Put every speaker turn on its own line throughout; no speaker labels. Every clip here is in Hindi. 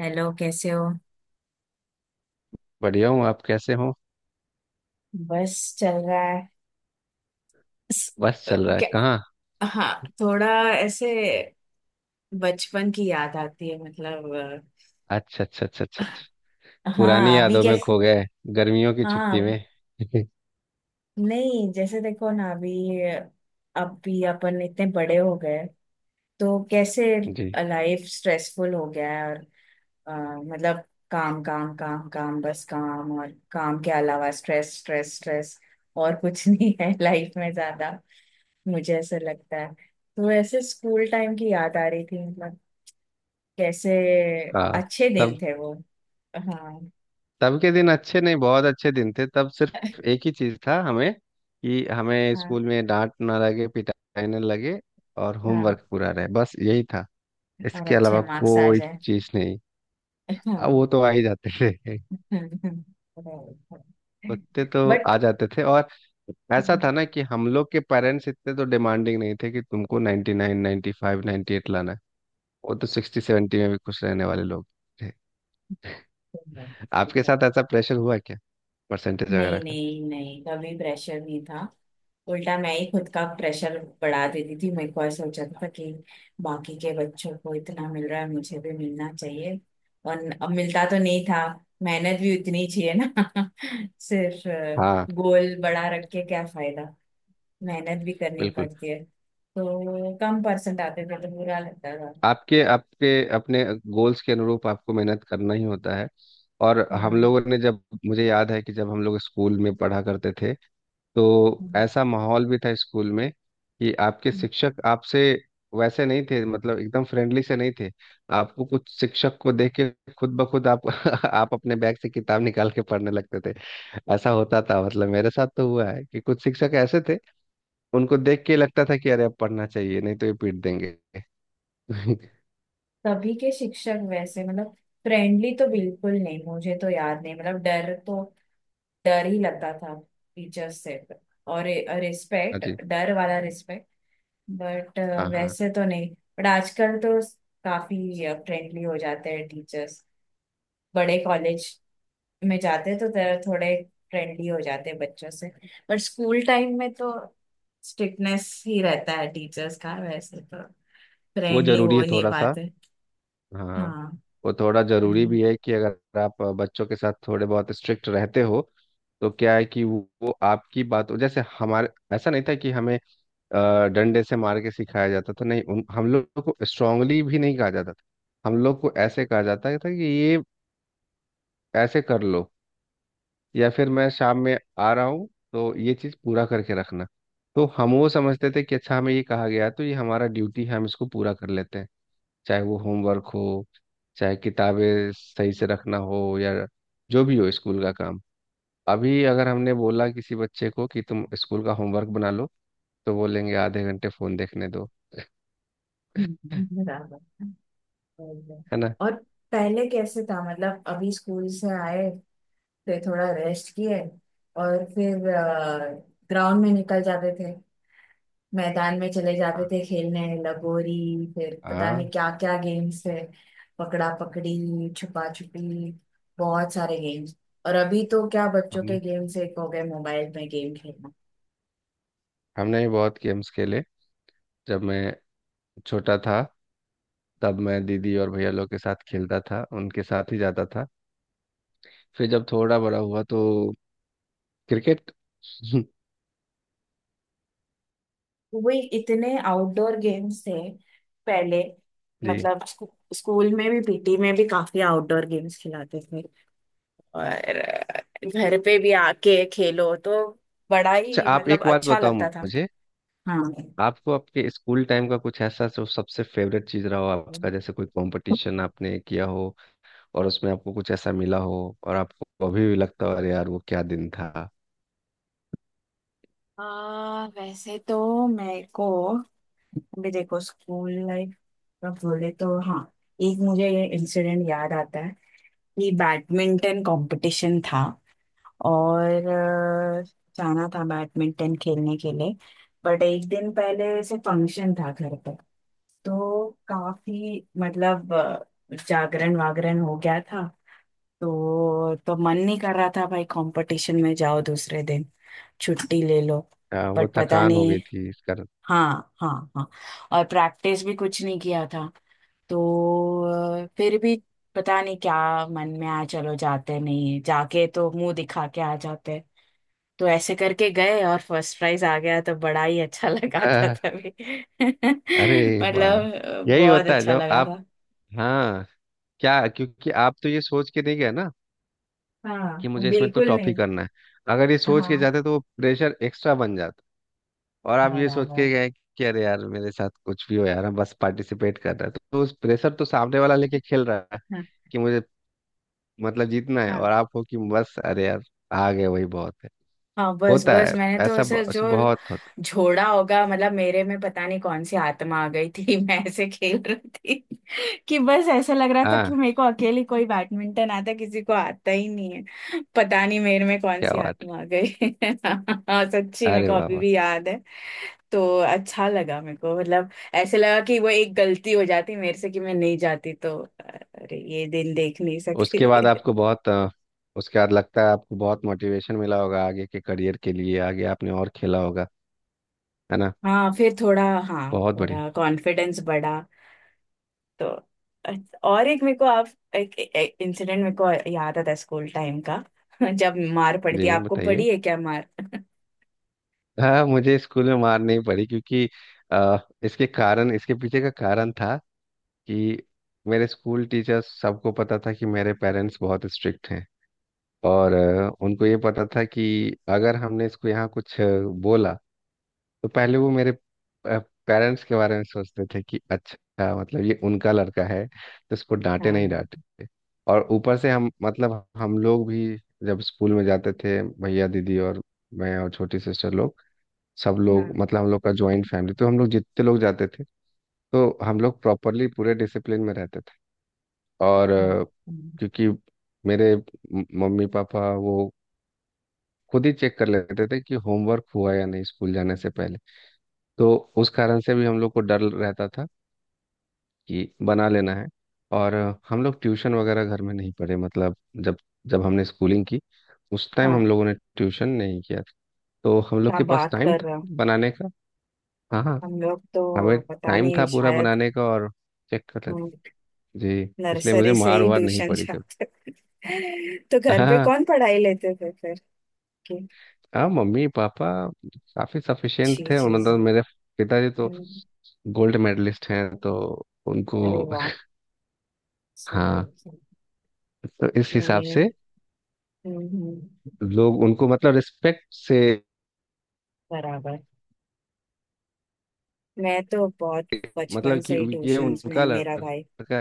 हेलो, कैसे हो।
बढ़िया हूँ। आप कैसे हो?
बस चल रहा है। स-
बस चल रहा है
क्या-
कहाँ?
हाँ, थोड़ा ऐसे। बचपन की याद आती है मतलब।
अच्छा अच्छा अच्छा अच्छा अच्छा। पुरानी
हाँ, अभी
यादों में
कैसे।
खो गए। गर्मियों की छुट्टी
हाँ।
में।
नहीं, जैसे देखो ना, अभी अभी अपन इतने बड़े हो गए, तो कैसे।
जी।
लाइफ स्ट्रेसफुल हो गया है, और अ, मतलब, काम काम काम काम, बस काम, और काम के अलावा स्ट्रेस स्ट्रेस स्ट्रेस। और कुछ नहीं है लाइफ में ज्यादा, मुझे ऐसा लगता है। तो वैसे स्कूल टाइम की याद आ रही थी मतलब, कैसे
हाँ।
अच्छे दिन
तब
थे वो। हाँ
तब के दिन अच्छे नहीं, बहुत अच्छे दिन थे। तब सिर्फ एक ही चीज था हमें कि हमें
हाँ।
स्कूल में डांट ना लगे, पिटाई ना लगे, और
हाँ।
होमवर्क पूरा रहे, बस यही था।
और
इसके
अच्छे
अलावा
मार्क्स आ
कोई
जाए,
चीज नहीं। अब
हाँ।
वो तो आ ही जाते थे।
हाँ, हाँ, हाँ।
लगते तो
बट,
आ जाते थे। और ऐसा था ना कि हम लोग के पेरेंट्स इतने तो डिमांडिंग नहीं थे कि तुमको 99 95 98 लाना है। वो तो 60 70 में भी खुश रहने वाले लोग थे। आपके साथ ऐसा प्रेशर हुआ क्या? परसेंटेज वगैरह
नहीं
का?
नहीं नहीं, कभी प्रेशर नहीं था। उल्टा मैं ही खुद का प्रेशर बढ़ा देती थी। मेरे को ऐसा हो जाता था कि बाकी के बच्चों को इतना मिल रहा है, मुझे भी मिलना चाहिए। और अब मिलता तो नहीं था। मेहनत भी उतनी ही चाहिए ना। सिर्फ
हाँ।
गोल बड़ा रख के क्या फायदा। मेहनत भी करनी
बिल्कुल।
पड़ती है, तो कम परसेंट आते थे तो बुरा लगता था।
आपके आपके अपने गोल्स के अनुरूप आपको मेहनत करना ही होता है। और हम
हाँ।
लोगों ने, जब मुझे याद है कि जब हम लोग स्कूल में पढ़ा करते थे तो
हम्म।
ऐसा माहौल भी था स्कूल में कि आपके शिक्षक आपसे वैसे नहीं थे। मतलब एकदम फ्रेंडली से नहीं थे। आपको कुछ शिक्षक को देख के खुद ब खुद आप आप अपने बैग से किताब निकाल के पढ़ने लगते थे। ऐसा होता था, मतलब मेरे साथ तो हुआ है कि कुछ शिक्षक ऐसे थे, उनको देख के लगता था कि अरे अब पढ़ना चाहिए नहीं तो ये पीट देंगे। हाँ।
तभी के शिक्षक वैसे मतलब, फ्रेंडली तो बिल्कुल नहीं। मुझे तो याद नहीं मतलब, डर तो, डर ही लगता था टीचर्स से। और
जी।
रिस्पेक्ट, डर वाला रिस्पेक्ट। बट
हाँ हाँ।
वैसे तो नहीं। बट आजकल तो काफी फ्रेंडली हो जाते हैं टीचर्स। बड़े कॉलेज में जाते हैं तो थोड़े फ्रेंडली हो जाते हैं बच्चों से। बट स्कूल टाइम में तो स्ट्रिक्टनेस ही रहता है टीचर्स का, वैसे तो
वो
फ्रेंडली
जरूरी
हो
है
नहीं
थोड़ा सा।
पाते।
हाँ।
हाँ।
वो थोड़ा जरूरी
हम्म,
भी है कि अगर आप बच्चों के साथ थोड़े बहुत स्ट्रिक्ट रहते हो, तो क्या है कि वो आपकी बात जैसे हमारे। ऐसा नहीं था कि हमें डंडे से मार के सिखाया जाता था। नहीं हम लोग को स्ट्रांगली भी नहीं कहा जाता था। हम लोग को ऐसे कहा जाता था कि ये ऐसे कर लो, या फिर मैं शाम में आ रहा हूँ तो ये चीज़ पूरा करके रखना। तो हम वो समझते थे कि अच्छा हमें ये कहा गया है, तो ये हमारा ड्यूटी है, हम इसको पूरा कर लेते हैं, चाहे वो होमवर्क हो, चाहे किताबें सही से रखना हो, या जो भी हो स्कूल का काम। अभी अगर हमने बोला किसी बच्चे को कि तुम स्कूल का होमवर्क बना लो, तो बोलेंगे आधे घंटे फोन देखने दो।
बराबर। और
है ना?
और पहले कैसे था मतलब, अभी स्कूल से आए थे, थोड़ा रेस्ट किए और फिर ग्राउंड में निकल जाते थे, मैदान में चले जाते
हाँ
थे खेलने, लगोरी, फिर पता नहीं
हाँ।
क्या क्या गेम्स थे, पकड़ा पकड़ी, छुपा छुपी, बहुत सारे गेम्स। और अभी तो क्या, बच्चों
हमने
के गेम्स एक हो गए, मोबाइल में गेम खेलना।
हमने भी बहुत गेम्स खेले। जब मैं छोटा था तब मैं दीदी और भैया लोग के साथ खेलता था, उनके साथ ही जाता था। फिर जब थोड़ा बड़ा हुआ तो क्रिकेट।
वही, इतने आउटडोर गेम्स थे पहले
जी।
मतलब, स्कूल में भी, पीटी में भी काफी आउटडोर गेम्स खिलाते थे। और घर पे भी आके खेलो तो बड़ा
अच्छा
ही
आप
मतलब
एक बात
अच्छा
बताओ
लगता था।
मुझे।
हाँ।
आपको आपके स्कूल टाइम का कुछ ऐसा जो सबसे फेवरेट चीज रहा हो आपका, जैसे कोई कंपटीशन आपने किया हो और उसमें आपको कुछ ऐसा मिला हो और आपको अभी भी लगता हो अरे यार वो क्या दिन था?
वैसे तो मेरे को, अभी देखो स्कूल लाइफ का बोले तो हाँ, एक मुझे ये इंसिडेंट याद आता है कि बैडमिंटन कंपटीशन था, और जाना था बैडमिंटन खेलने के लिए। बट एक दिन पहले से फंक्शन था घर पर, तो काफी मतलब जागरण वागरण हो गया था। तो मन नहीं कर रहा था, भाई कंपटीशन में जाओ दूसरे दिन, छुट्टी ले लो।
वो
बट पता
थकान हो गई
नहीं,
थी इस कारण।
हाँ हाँ हाँ, और प्रैक्टिस भी कुछ नहीं किया था, तो फिर भी पता नहीं क्या मन में आया, चलो जाते नहीं है, जाके तो मुंह दिखा के आ जाते। तो ऐसे करके गए और फर्स्ट प्राइज आ गया, तो बड़ा ही अच्छा लगा था
आह,
तभी।
अरे वाह।
मतलब
यही
बहुत
होता है
अच्छा
जब
लगा
आप।
था।
हाँ। क्या, क्योंकि आप तो ये सोच के नहीं गए ना कि
हाँ
मुझे इसमें तो
बिल्कुल
टॉप ही
नहीं।
करना है। अगर ये सोच के
हाँ।
जाते तो वो प्रेशर एक्स्ट्रा बन जाता। और आप ये सोच
बराबर।
के गए कि अरे यार मेरे साथ कुछ भी हो, यार हम बस पार्टिसिपेट कर रहे हैं, तो उस प्रेशर तो सामने वाला लेके खेल रहा है
हाँ।
कि मुझे मतलब जीतना है,
हाँ।
और आप हो कि बस अरे यार आ गए वही बहुत है।
हाँ, बस
होता
बस
है।
मैंने तो ऐसे जो
ऐसा बहुत होता
झोड़ा होगा मतलब, मेरे में पता नहीं कौन सी आत्मा आ गई थी। मैं ऐसे खेल रही थी कि बस ऐसा लग रहा
है।
था कि
हाँ।
मेरे को अकेली कोई, बैडमिंटन आता किसी को आता ही नहीं है। पता नहीं मेरे में कौन
क्या
सी
बात
आत्मा आ गई। हाँ सच्ची,
है?
मेरे
अरे
को
वाह
अभी
वाह।
भी याद है। तो अच्छा लगा मेरे को मतलब, ऐसे लगा कि वो एक गलती हो जाती मेरे से कि मैं नहीं जाती तो अरे ये दिन देख नहीं सकती।
उसके बाद आपको बहुत अ, उसके बाद लगता है आपको बहुत मोटिवेशन मिला होगा आगे के करियर के लिए, आगे आपने और खेला होगा। है ना?
हाँ फिर थोड़ा, हाँ,
बहुत बढ़िया।
थोड़ा कॉन्फिडेंस बढ़ा। तो अच्छा, और एक मेरे को आप एक, इंसिडेंट मेरे को याद आता है स्कूल टाइम का। जब मार पड़ती है,
जी
आपको
बताइए।
पड़ी है क्या मार।
हाँ मुझे स्कूल में मार नहीं पड़ी क्योंकि अ, इसके पीछे का कारण था कि मेरे स्कूल टीचर्स सबको पता था कि मेरे पेरेंट्स बहुत स्ट्रिक्ट हैं। और उनको ये पता था कि अगर हमने इसको यहाँ कुछ बोला तो पहले वो मेरे पेरेंट्स के बारे में सोचते थे कि अच्छा मतलब ये उनका लड़का है, तो इसको डांटे नहीं
हाँ।
डांटे। और ऊपर से हम, मतलब हम लोग भी जब स्कूल में जाते थे, भैया दीदी और मैं और छोटी सिस्टर लोग, सब लोग,
हाँ,
मतलब हम लोग का ज्वाइंट फैमिली, तो हम लोग जितने लोग जाते थे, तो हम लोग प्रॉपरली पूरे डिसिप्लिन में रहते थे। और
हाँ, हाँ।
क्योंकि मेरे मम्मी पापा वो खुद ही चेक कर लेते थे कि होमवर्क हुआ या नहीं स्कूल जाने से पहले। तो उस कारण से भी हम लोग को डर रहता था कि बना लेना है। और हम लोग ट्यूशन वगैरह घर में नहीं पढ़े, मतलब जब जब हमने स्कूलिंग की उस टाइम
हाँ।
हम लोगों ने ट्यूशन नहीं किया था। तो हम लोग
क्या
के पास
बात
टाइम
कर
था
रहे हो।
बनाने का। हाँ हाँ।
हम लोग
हमें
तो पता
टाइम
नहीं
था पूरा
शायद
बनाने का, और चेक कर लेते। जी। इसलिए मुझे
नर्सरी से
मार
ही
वार नहीं
ट्यूशन
पड़ी कभी।
जाते थे। तो घर
हाँ
पे
हाँ।
कौन पढ़ाई लेते थे फिर की।
हाँ मम्मी पापा काफी सफिशिएंट
अच्छी
थे, और
चीज है।
मतलब मेरे पिताजी तो
हम्म,
गोल्ड मेडलिस्ट हैं, तो उनको
अरे वाह। सही
हाँ।
है, सही। है।
तो इस हिसाब
नहीं।
से
हम्म हम्म,
लोग उनको मतलब रिस्पेक्ट से,
बराबर। मैं तो बहुत बचपन
मतलब
से
कि
ही
ये
ट्यूशन में
उनका
है मेरा भाई।
लड़का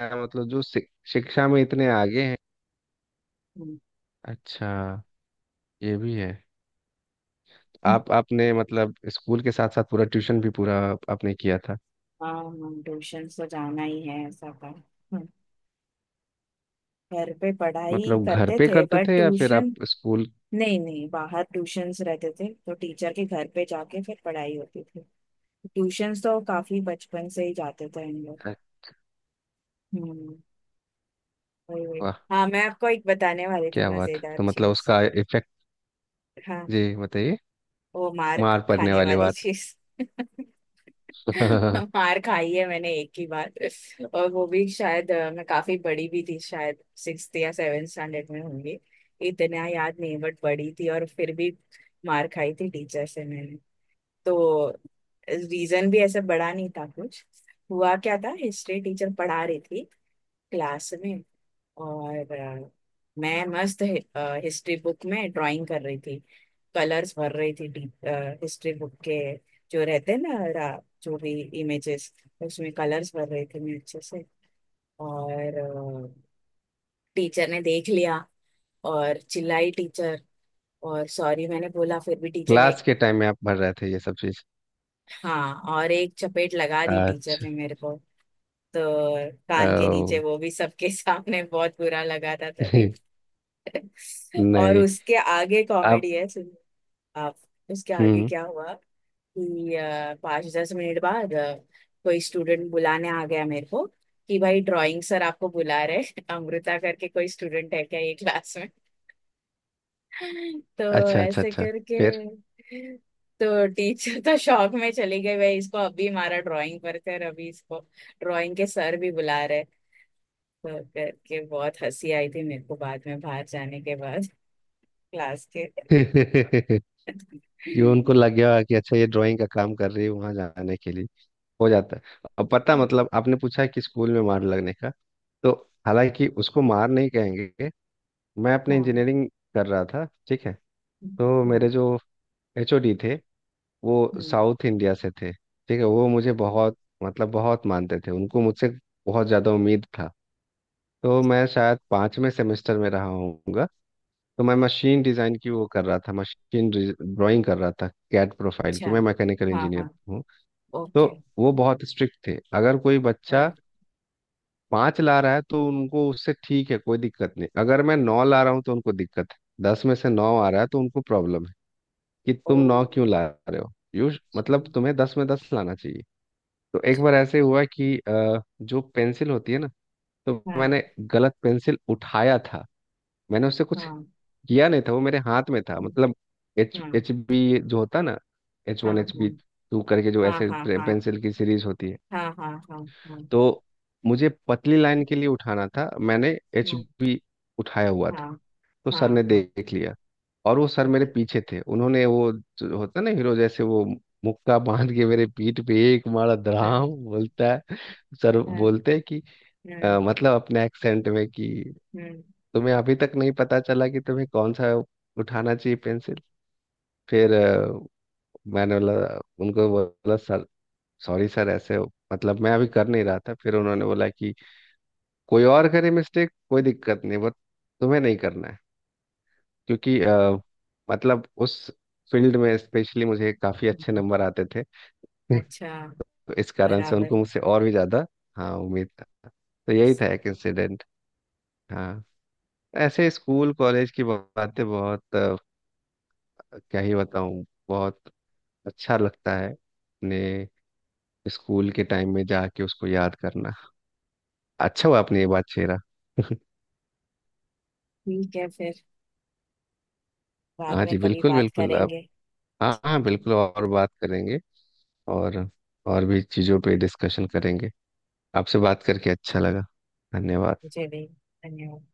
है, मतलब जो शिक्षा में इतने आगे हैं।
हम्म।
अच्छा ये भी है। आप आपने मतलब स्कूल के साथ साथ पूरा ट्यूशन भी पूरा आपने किया था।
हाँ, हम ट्यूशन तो जाना ही है, ऐसा था। हम्म। घर पे पढ़ाई
मतलब घर
करते
पे
थे
करते
बट
थे या फिर आप
ट्यूशन,
स्कूल?
नहीं नहीं, बाहर ट्यूशंस रहते थे, तो टीचर के घर पे जाके फिर पढ़ाई होती थी। ट्यूशंस तो काफी बचपन से ही जाते थे हम लोग। हम्म, वही वही।
वाह
हाँ, मैं आपको एक बताने वाली थी,
क्या बात।
मजेदार
तो मतलब
चीज।
उसका इफेक्ट।
हाँ,
जी बताइए।
वो मार
मार पड़ने
खाने
वाली
वाली
बात।
चीज। मार खाई है मैंने एक ही बार, और वो भी शायद मैं काफी बड़ी भी थी शायद, सिक्स्थ या सेवेंथ स्टैंडर्ड में होंगी, इतना याद नहीं। बट बड़ी थी और फिर भी मार खाई थी टीचर से मैंने। तो रीजन भी ऐसा बड़ा नहीं था कुछ। हुआ क्या था, हिस्ट्री टीचर पढ़ा रही थी क्लास में, और मैं मस्त हिस्ट्री बुक में ड्राइंग कर रही थी, कलर्स भर रही थी। हिस्ट्री बुक के जो रहते हैं ना, जो भी इमेजेस, उसमें कलर्स भर रही थी मैं अच्छे से। और टीचर ने देख लिया, और चिल्लाई टीचर, और सॉरी मैंने बोला, फिर भी टीचर ने,
क्लास के टाइम में आप भर रहे थे ये सब चीज?
हाँ, और एक चपेट लगा दी टीचर
अच्छा।
ने मेरे को। तो कान के नीचे,
ओ।
वो भी सबके सामने, बहुत बुरा लगा था तभी। और
नहीं।
उसके आगे
आप।
कॉमेडी है। आप उसके आगे
हम्म।
क्या हुआ कि 5-10 मिनट बाद कोई स्टूडेंट बुलाने आ गया मेरे को कि भाई ड्राइंग सर आपको बुला रहे हैं। अमृता करके कोई स्टूडेंट है क्या ये क्लास में। तो
अच्छा अच्छा
ऐसे
अच्छा।
करके
फिर?
तो टीचर तो शौक में चली गई, भाई इसको अभी हमारा ड्राइंग पर कर अभी, इसको ड्राइंग के सर भी बुला रहे। तो करके बहुत हंसी आई थी मेरे को बाद में, बाहर जाने के बाद क्लास के।
कि उनको लग गया होगा कि अच्छा ये ड्राइंग का काम कर रही है वहां जाने के लिए। हो जाता है। अब पता, मतलब आपने पूछा कि स्कूल में मार लगने का, तो हालांकि उसको मार नहीं कहेंगे। मैं अपने
हाँ
इंजीनियरिंग कर रहा था, ठीक है। तो मेरे
हाँ
जो एचओडी थे वो
हाँ।
साउथ इंडिया से थे, ठीक है। वो मुझे बहुत मतलब बहुत मानते थे, उनको मुझसे बहुत ज़्यादा उम्मीद था। तो मैं शायद पाँचवें सेमेस्टर में रहा होऊंगा। तो मैं मशीन डिज़ाइन की वो कर रहा था, मशीन ड्राइंग कर रहा था, कैट प्रोफाइल
अच्छा।
की। मैं मैकेनिकल
हाँ
इंजीनियर
हाँ।
हूँ। तो
ओके।
वो बहुत स्ट्रिक्ट थे। अगर कोई बच्चा
हाँ।
पाँच ला रहा है तो उनको उससे ठीक है, कोई दिक्कत नहीं। अगर मैं नौ ला रहा हूँ तो उनको दिक्कत है। दस में से नौ आ रहा है तो उनको प्रॉब्लम है कि
ओ,
तुम नौ क्यों ला रहे हो, यू
अच्छा।
मतलब तुम्हें दस में दस लाना चाहिए। तो एक बार ऐसे हुआ कि जो पेंसिल होती है ना, तो मैंने
हाँ
गलत पेंसिल उठाया था। मैंने उससे कुछ
हाँ।
किया नहीं था, वो मेरे हाथ में था,
हम्म,
मतलब एच
हाँ
एच बी जो होता ना, एच
हाँ
वन एच बी टू करके जो
हाँ
ऐसे
हाँ
पेंसिल की सीरीज होती है।
हाँ हाँ हाँ हाँ हाँ
तो मुझे पतली लाइन के लिए उठाना था, मैंने एच बी उठाया हुआ था।
हाँ
तो
हाँ हाँ
सर
हाँ
ने
हाँ।
देख लिया और वो सर मेरे
ओके।
पीछे थे, उन्होंने वो जो होता ना हीरो जैसे वो मुक्का बांध के मेरे पीठ पे एक मारा,
हाँ
धड़ाम बोलता है। सर
हाँ।
बोलते हैं कि
हम्म
मतलब अपने एक्सेंट में कि
हम्म
तुम्हें अभी तक नहीं पता चला कि तुम्हें कौन सा उठाना चाहिए पेंसिल। फिर मैंने बोला, उनको बोला सर, सॉरी सर, ऐसे हो मतलब मैं अभी कर नहीं रहा था। फिर उन्होंने बोला कि कोई और करे मिस्टेक कोई दिक्कत नहीं बट तुम्हें नहीं करना है, क्योंकि मतलब उस फील्ड में स्पेशली मुझे काफ़ी अच्छे
हम्म,
नंबर आते थे।
अच्छा,
तो इस कारण से उनको
बराबर।
मुझसे और भी ज़्यादा हाँ उम्मीद था। तो यही था एक इंसिडेंट। हाँ। ऐसे स्कूल कॉलेज की बातें बहुत क्या ही बताऊं, बहुत अच्छा लगता है अपने स्कूल के टाइम में जाके उसको याद करना। अच्छा हुआ आपने ये बात छेड़ा।
ठीक है फिर, बाद
हाँ
में
जी,
कभी
बिल्कुल
बात
बिल्कुल। अब
करेंगे।
हाँ हाँ, बिल्कुल और बात करेंगे। और और भी चीज़ों पे डिस्कशन करेंगे। आपसे बात करके अच्छा लगा। धन्यवाद।
मुझे भी। धन्यवाद।